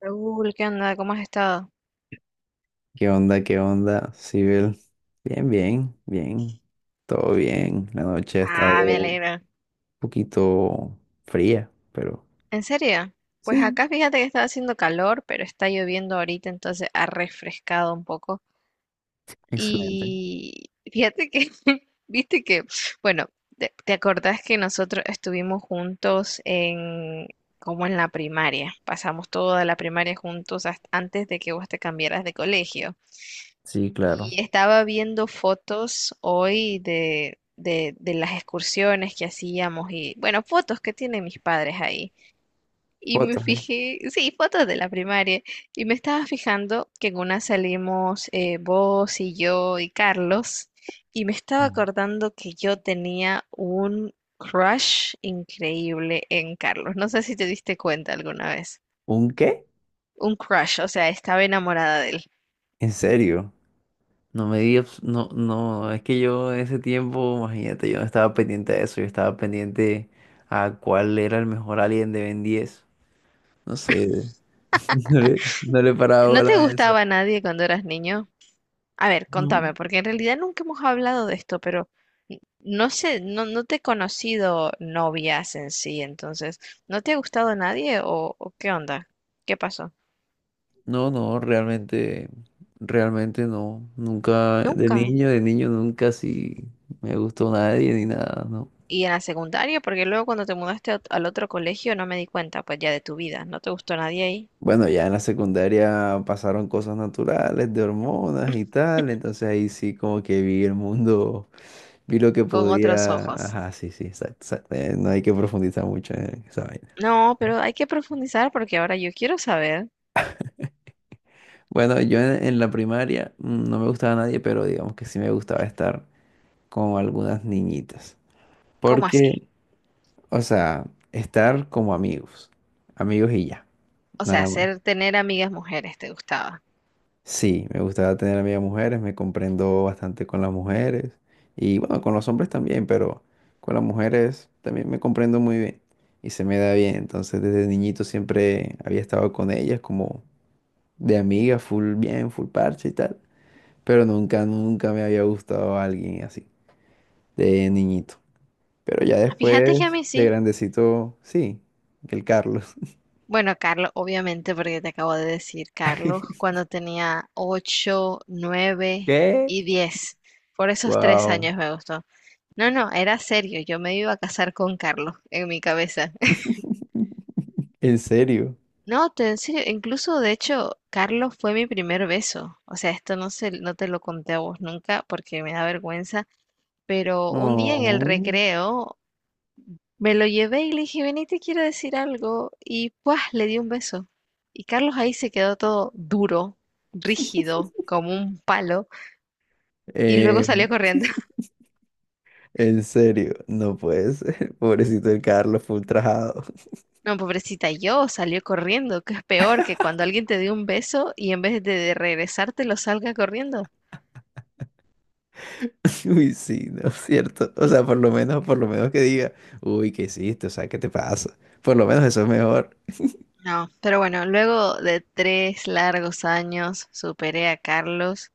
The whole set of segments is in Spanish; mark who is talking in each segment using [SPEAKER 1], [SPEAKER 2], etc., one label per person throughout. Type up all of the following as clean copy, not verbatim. [SPEAKER 1] Raúl, ¿qué onda? ¿Cómo has estado?
[SPEAKER 2] ¿Qué onda? ¿Qué onda, Sibel? Bien, bien, bien. Todo bien. La noche ha estado
[SPEAKER 1] Ah, me
[SPEAKER 2] un
[SPEAKER 1] alegra.
[SPEAKER 2] poquito fría, pero...
[SPEAKER 1] ¿En serio? Pues
[SPEAKER 2] Sí,
[SPEAKER 1] acá fíjate que está haciendo calor, pero está lloviendo ahorita, entonces ha refrescado un poco.
[SPEAKER 2] excelente.
[SPEAKER 1] Y fíjate que, viste que, bueno, te acordás que nosotros estuvimos juntos en, como en la primaria. Pasamos toda la primaria juntos hasta antes de que vos te cambiaras de colegio.
[SPEAKER 2] Sí, claro.
[SPEAKER 1] Y estaba viendo fotos hoy de las excursiones que hacíamos y, bueno, fotos que tienen mis padres ahí. Y me
[SPEAKER 2] Fotos, ¿eh?
[SPEAKER 1] fijé, sí, fotos de la primaria. Y me estaba fijando que en una salimos vos y yo y Carlos. Y me estaba
[SPEAKER 2] Mm.
[SPEAKER 1] acordando que yo tenía un crush increíble en Carlos. No sé si te diste cuenta alguna vez.
[SPEAKER 2] ¿Un qué?
[SPEAKER 1] Un crush, o sea, estaba enamorada de él.
[SPEAKER 2] ¿En serio? No me digas, no, no, es que yo en ese tiempo, imagínate, yo no estaba pendiente de eso, yo estaba pendiente a cuál era el mejor alien de Ben 10. No sé, no le paraba
[SPEAKER 1] ¿No
[SPEAKER 2] bola
[SPEAKER 1] te
[SPEAKER 2] a eso.
[SPEAKER 1] gustaba nadie cuando eras niño? A ver,
[SPEAKER 2] No.
[SPEAKER 1] contame, porque en realidad nunca hemos hablado de esto, pero no sé, no, no te he conocido novias en sí, entonces, ¿no te ha gustado nadie o qué onda? ¿Qué pasó?
[SPEAKER 2] No, no, realmente no. Nunca, de
[SPEAKER 1] Nunca.
[SPEAKER 2] niño, de niño nunca sí me gustó nadie ni nada, ¿no?
[SPEAKER 1] ¿Y en la secundaria? Porque luego cuando te mudaste a al otro colegio no me di cuenta, pues ya de tu vida, no te gustó nadie ahí,
[SPEAKER 2] Bueno, ya en la secundaria pasaron cosas naturales, de hormonas y tal, entonces ahí sí como que vi el mundo, vi lo que
[SPEAKER 1] con otros
[SPEAKER 2] podía.
[SPEAKER 1] ojos.
[SPEAKER 2] Ajá, sí, sí, exacto, exacto, no hay que profundizar mucho en esa vaina.
[SPEAKER 1] No, pero hay que profundizar porque ahora yo quiero saber
[SPEAKER 2] Bueno, yo en la primaria no me gustaba nadie, pero digamos que sí me gustaba estar con algunas niñitas.
[SPEAKER 1] cómo así.
[SPEAKER 2] Porque O sea, estar como amigos, amigos y ya,
[SPEAKER 1] O sea,
[SPEAKER 2] nada más.
[SPEAKER 1] hacer tener amigas mujeres te gustaba.
[SPEAKER 2] Sí, me gustaba tener amigas mujeres, me comprendo bastante con las mujeres y bueno, con los hombres también, pero con las mujeres también me comprendo muy bien y se me da bien. Entonces, desde niñito siempre había estado con ellas como de amiga, full bien, full parche y tal, pero nunca, nunca me había gustado alguien así, de niñito. Pero ya
[SPEAKER 1] Ah, fíjate que a
[SPEAKER 2] después,
[SPEAKER 1] mí
[SPEAKER 2] de
[SPEAKER 1] sí.
[SPEAKER 2] grandecito, sí, el Carlos.
[SPEAKER 1] Bueno, Carlos, obviamente, porque te acabo de decir, Carlos, cuando tenía ocho, nueve
[SPEAKER 2] ¿Qué?
[SPEAKER 1] y diez, Por esos tres
[SPEAKER 2] Wow.
[SPEAKER 1] años me gustó. No, no, era serio, yo me iba a casar con Carlos en mi cabeza.
[SPEAKER 2] ¿En serio?
[SPEAKER 1] No, en serio, incluso de hecho, Carlos fue mi primer beso. O sea, esto no te lo conté a vos nunca porque me da vergüenza, pero un día en el
[SPEAKER 2] Oh.
[SPEAKER 1] recreo me lo llevé y le dije, vení, te quiero decir algo. Y pues le di un beso. Y Carlos ahí se quedó todo duro, rígido, como un palo. Y luego
[SPEAKER 2] Eh,
[SPEAKER 1] salió corriendo.
[SPEAKER 2] en serio, no puede ser. Pobrecito el Carlos full ultrajado.
[SPEAKER 1] No, pobrecita, yo salió corriendo, que es peor que cuando alguien te dé un beso y en vez de regresártelo salga corriendo.
[SPEAKER 2] Uy, sí, no es cierto. O sea, por lo menos que diga, uy, ¿qué hiciste? O sea, ¿qué te pasa? Por lo menos eso es mejor.
[SPEAKER 1] No, pero bueno, luego de 3 largos años superé a Carlos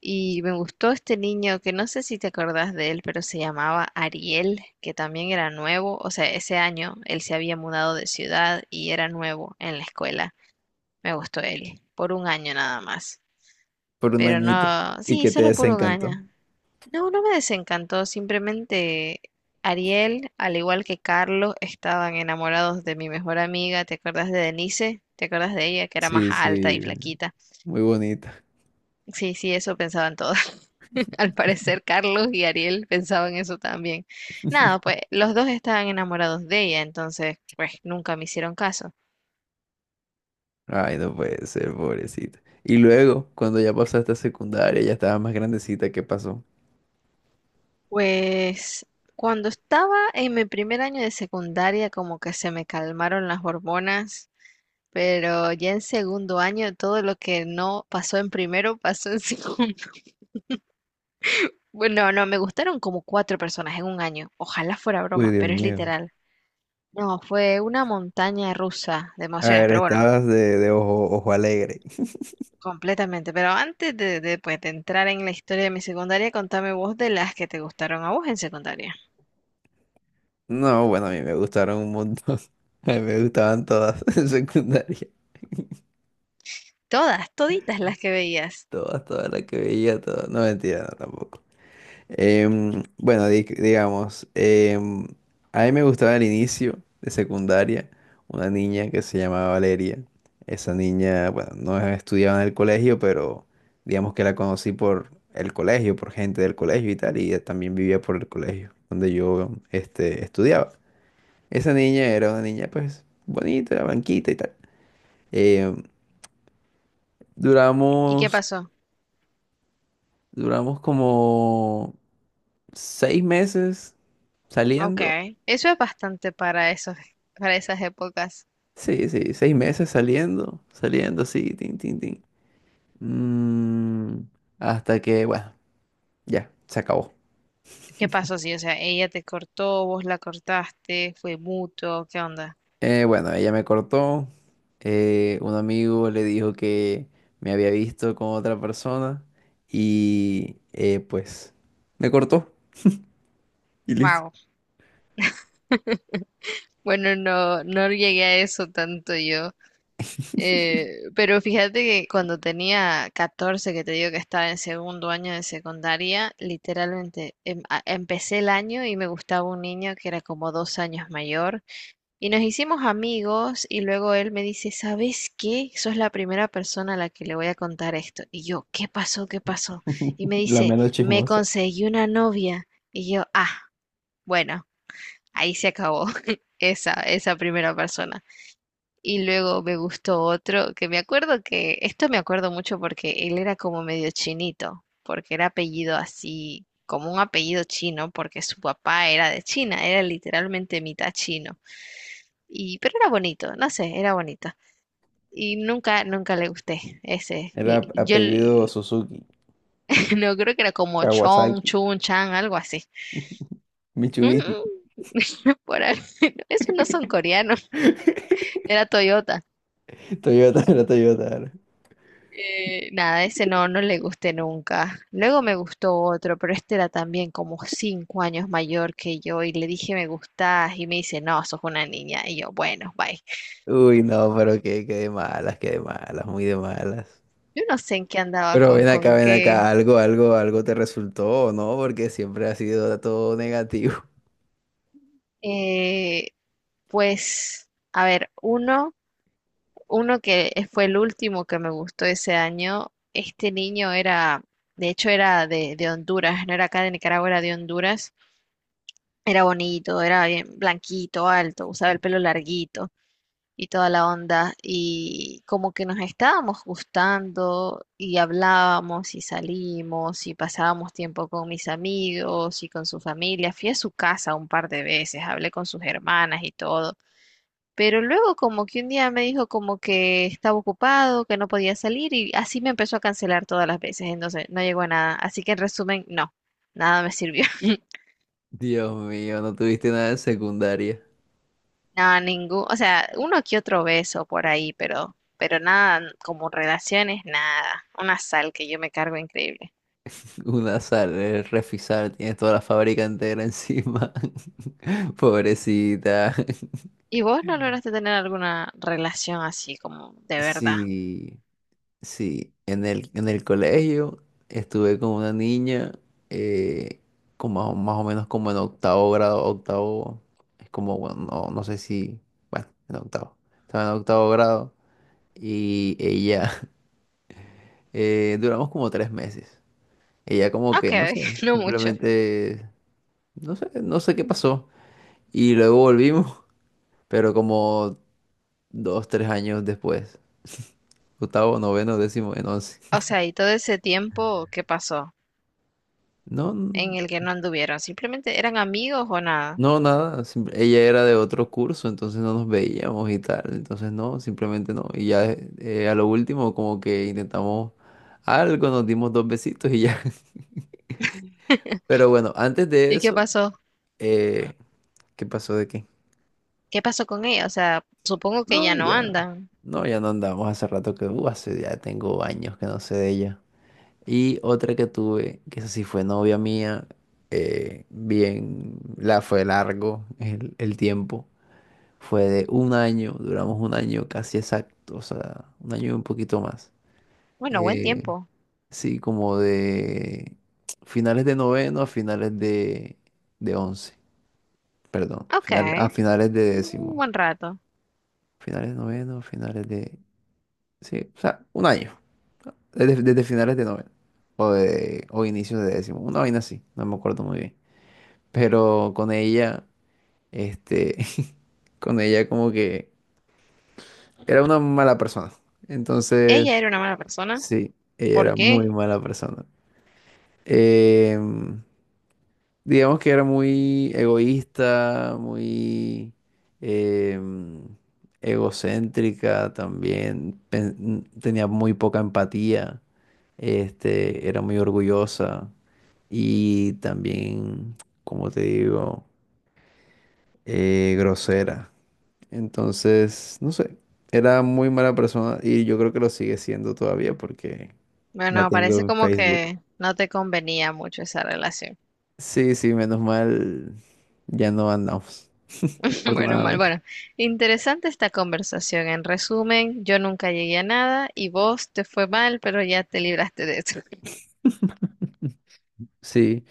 [SPEAKER 1] y me gustó este niño que no sé si te acordás de él, pero se llamaba Ariel, que también era nuevo, o sea, ese año él se había mudado de ciudad y era nuevo en la escuela. Me gustó él, por un año nada más.
[SPEAKER 2] Por un
[SPEAKER 1] Pero
[SPEAKER 2] añito.
[SPEAKER 1] no,
[SPEAKER 2] Y
[SPEAKER 1] sí,
[SPEAKER 2] que te
[SPEAKER 1] solo por un año.
[SPEAKER 2] desencantó.
[SPEAKER 1] No, no me desencantó, simplemente Ariel, al igual que Carlos, estaban enamorados de mi mejor amiga, ¿te acuerdas de Denise? ¿Te acuerdas de ella, que era más
[SPEAKER 2] Sí,
[SPEAKER 1] alta y
[SPEAKER 2] sí,
[SPEAKER 1] flaquita?
[SPEAKER 2] muy bonita.
[SPEAKER 1] Sí, sí, eso pensaban todos. Al parecer Carlos y Ariel pensaban eso también. Nada, pues los dos estaban enamorados de ella, entonces, pues nunca me hicieron caso.
[SPEAKER 2] Ay, no puede ser, pobrecita. Y luego, cuando ya pasaste a secundaria, ya estaba más grandecita, ¿qué pasó?
[SPEAKER 1] Pues cuando estaba en mi primer año de secundaria, como que se me calmaron las hormonas, pero ya en segundo año todo lo que no pasó en primero pasó en segundo. Bueno, no, me gustaron como cuatro personas en un año. Ojalá fuera
[SPEAKER 2] Uy,
[SPEAKER 1] broma,
[SPEAKER 2] Dios
[SPEAKER 1] pero es
[SPEAKER 2] mío.
[SPEAKER 1] literal. No, fue una montaña rusa de
[SPEAKER 2] A
[SPEAKER 1] emociones,
[SPEAKER 2] ver,
[SPEAKER 1] pero bueno,
[SPEAKER 2] estabas de ojo, ojo alegre.
[SPEAKER 1] completamente. Pero antes pues, de entrar en la historia de mi secundaria, contame vos de las que te gustaron a vos en secundaria.
[SPEAKER 2] No, bueno, a mí me gustaron un montón. A mí me gustaban todas en secundaria.
[SPEAKER 1] Todas, toditas las que veías.
[SPEAKER 2] Todas, todas las que veía, todas. No, mentira, no, tampoco. Bueno, digamos, a mí me gustaba al inicio de secundaria una niña que se llamaba Valeria. Esa niña, bueno, no estudiaba en el colegio, pero digamos que la conocí por el colegio, por gente del colegio y tal, y ella también vivía por el colegio donde yo estudiaba. Esa niña era una niña, pues, bonita, blanquita y tal. Eh,
[SPEAKER 1] ¿Y qué
[SPEAKER 2] duramos,
[SPEAKER 1] pasó?
[SPEAKER 2] duramos como seis meses
[SPEAKER 1] Ok,
[SPEAKER 2] saliendo.
[SPEAKER 1] eso es bastante para esas épocas.
[SPEAKER 2] Sí, sí, seis meses saliendo, saliendo sí tin, tin, tin. Mm, hasta que, bueno, ya, se acabó.
[SPEAKER 1] ¿Qué pasó? Sí, o sea, ella te cortó, vos la cortaste, fue mutuo, ¿qué onda?
[SPEAKER 2] Bueno, ella me cortó. Un amigo le dijo que me había visto con otra persona y pues me cortó y listo.
[SPEAKER 1] Wow. Bueno, no, no llegué a eso tanto yo. Eh, pero fíjate que cuando tenía 14, que te digo que estaba en segundo año de secundaria, literalmente empecé el año y me gustaba un niño que era como 2 años mayor. Y nos hicimos amigos y luego él me dice, ¿sabes qué? Sos la primera persona a la que le voy a contar esto. Y yo, ¿qué pasó? ¿Qué pasó? Y me
[SPEAKER 2] La
[SPEAKER 1] dice,
[SPEAKER 2] menos
[SPEAKER 1] me
[SPEAKER 2] chismosa.
[SPEAKER 1] conseguí una novia. Y yo, ah, bueno, ahí se acabó esa primera persona. Y luego me gustó otro, que me acuerdo que, esto me acuerdo mucho porque él era como medio chinito, porque era apellido así, como un apellido chino, porque su papá era de China, era literalmente mitad chino. Pero era bonito, no sé, era bonito. Y nunca, nunca le gusté ese.
[SPEAKER 2] Era
[SPEAKER 1] Yo
[SPEAKER 2] apellido Suzuki,
[SPEAKER 1] no creo que era como Chong,
[SPEAKER 2] Kawasaki,
[SPEAKER 1] Chun, Chang, algo así.
[SPEAKER 2] Mitsubishi.
[SPEAKER 1] Mm, por ahí. Esos no son coreanos, era Toyota.
[SPEAKER 2] Toyota, era Toyota. Era.
[SPEAKER 1] Nada, ese no, no le gusté nunca. Luego me gustó otro, pero este era también como 5 años mayor que yo y le dije me gustás y me dice, no, sos una niña. Y yo, bueno, bye.
[SPEAKER 2] Uy, no, pero qué de malas, qué de malas, muy de malas.
[SPEAKER 1] Yo no sé en qué andaba
[SPEAKER 2] Pero
[SPEAKER 1] con, con
[SPEAKER 2] ven
[SPEAKER 1] qué.
[SPEAKER 2] acá, algo, algo, algo te resultó, ¿o no? Porque siempre ha sido todo negativo.
[SPEAKER 1] Eh, Pues a ver, uno que fue el último que me gustó ese año, este niño era, de hecho era de Honduras, no era acá de Nicaragua, era de Honduras, era bonito, era bien blanquito, alto, usaba el pelo larguito y toda la onda, y como que nos estábamos gustando y hablábamos y salimos y pasábamos tiempo con mis amigos y con su familia, fui a su casa un par de veces, hablé con sus hermanas y todo, pero luego como que un día me dijo como que estaba ocupado, que no podía salir y así me empezó a cancelar todas las veces, entonces no llegó a nada. Así que en resumen, no, nada me sirvió.
[SPEAKER 2] Dios mío, no tuviste nada en secundaria.
[SPEAKER 1] No, ningún, o sea, uno que otro beso por ahí, pero nada, como relaciones, nada. Una sal que yo me cargo increíble.
[SPEAKER 2] Una sal, el refisar, tienes toda la fábrica entera encima. Pobrecita.
[SPEAKER 1] ¿Y vos no lograste tener alguna relación así como de verdad?
[SPEAKER 2] Sí. Sí, en el colegio estuve con una niña, eh, con más, o más o menos como en octavo grado, octavo, es como, bueno, no, no sé si, bueno, en octavo, estaba en octavo grado y ella, duramos como tres meses. Ella como que,
[SPEAKER 1] Ok,
[SPEAKER 2] no sé,
[SPEAKER 1] no mucho.
[SPEAKER 2] simplemente, no sé qué pasó. Y luego volvimos, pero como dos, tres años después, octavo, noveno, décimo, en once.
[SPEAKER 1] O sea, ¿y todo ese tiempo qué pasó en
[SPEAKER 2] No.
[SPEAKER 1] el que no anduvieron? ¿Simplemente eran amigos o nada?
[SPEAKER 2] No, nada, ella era de otro curso, entonces no nos veíamos y tal, entonces no, simplemente no. Y ya a lo último como que intentamos algo, nos dimos dos besitos y ya. Pero bueno, antes de
[SPEAKER 1] ¿Y qué
[SPEAKER 2] eso,
[SPEAKER 1] pasó?
[SPEAKER 2] eh, ¿qué pasó de qué?
[SPEAKER 1] ¿Qué pasó con ella? O sea, supongo que
[SPEAKER 2] No,
[SPEAKER 1] ya no
[SPEAKER 2] ya,
[SPEAKER 1] andan.
[SPEAKER 2] no, ya no andamos hace rato que, hace ya tengo años que no sé de ella. Y otra que tuve, que esa sí fue novia mía, bien, la fue largo el tiempo. Fue de un año, duramos un año casi exacto, o sea, un año y un poquito más.
[SPEAKER 1] Bueno, buen
[SPEAKER 2] Eh,
[SPEAKER 1] tiempo.
[SPEAKER 2] sí, como de finales de noveno a finales de once, perdón,
[SPEAKER 1] Ok,
[SPEAKER 2] a finales de
[SPEAKER 1] un
[SPEAKER 2] décimo.
[SPEAKER 1] buen rato.
[SPEAKER 2] Finales de noveno, finales de... Sí, o sea, un año, desde, finales de noveno o, o inicios de décimo, una vaina así, no me acuerdo muy bien. Pero con ella, este, con ella como que era una mala persona. Entonces...
[SPEAKER 1] Ella era una mala persona.
[SPEAKER 2] Sí, ella
[SPEAKER 1] ¿Por
[SPEAKER 2] era muy
[SPEAKER 1] qué?
[SPEAKER 2] mala persona. Em, digamos que era muy egoísta, muy em, egocéntrica también. Tenía muy poca empatía. Era muy orgullosa y también, como te digo, grosera. Entonces, no sé, era muy mala persona y yo creo que lo sigue siendo todavía porque la
[SPEAKER 1] Bueno,
[SPEAKER 2] tengo
[SPEAKER 1] parece
[SPEAKER 2] en
[SPEAKER 1] como
[SPEAKER 2] Facebook.
[SPEAKER 1] que no te convenía mucho esa relación.
[SPEAKER 2] Sí, sí, menos mal ya no andamos,
[SPEAKER 1] Bueno, mal.
[SPEAKER 2] afortunadamente.
[SPEAKER 1] Bueno, interesante esta conversación. En resumen, yo nunca llegué a nada y vos te fue mal, pero ya te libraste de eso.
[SPEAKER 2] Sí,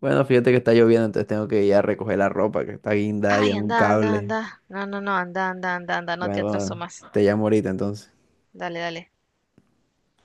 [SPEAKER 2] bueno, fíjate que está lloviendo, entonces tengo que ir a recoger la ropa que está guindada ya
[SPEAKER 1] Ay,
[SPEAKER 2] en un
[SPEAKER 1] anda, anda,
[SPEAKER 2] cable.
[SPEAKER 1] anda. No, no, no, anda, anda, anda, anda. No te
[SPEAKER 2] Bueno,
[SPEAKER 1] atraso
[SPEAKER 2] bueno,
[SPEAKER 1] más.
[SPEAKER 2] te llamo ahorita entonces.
[SPEAKER 1] Dale, dale.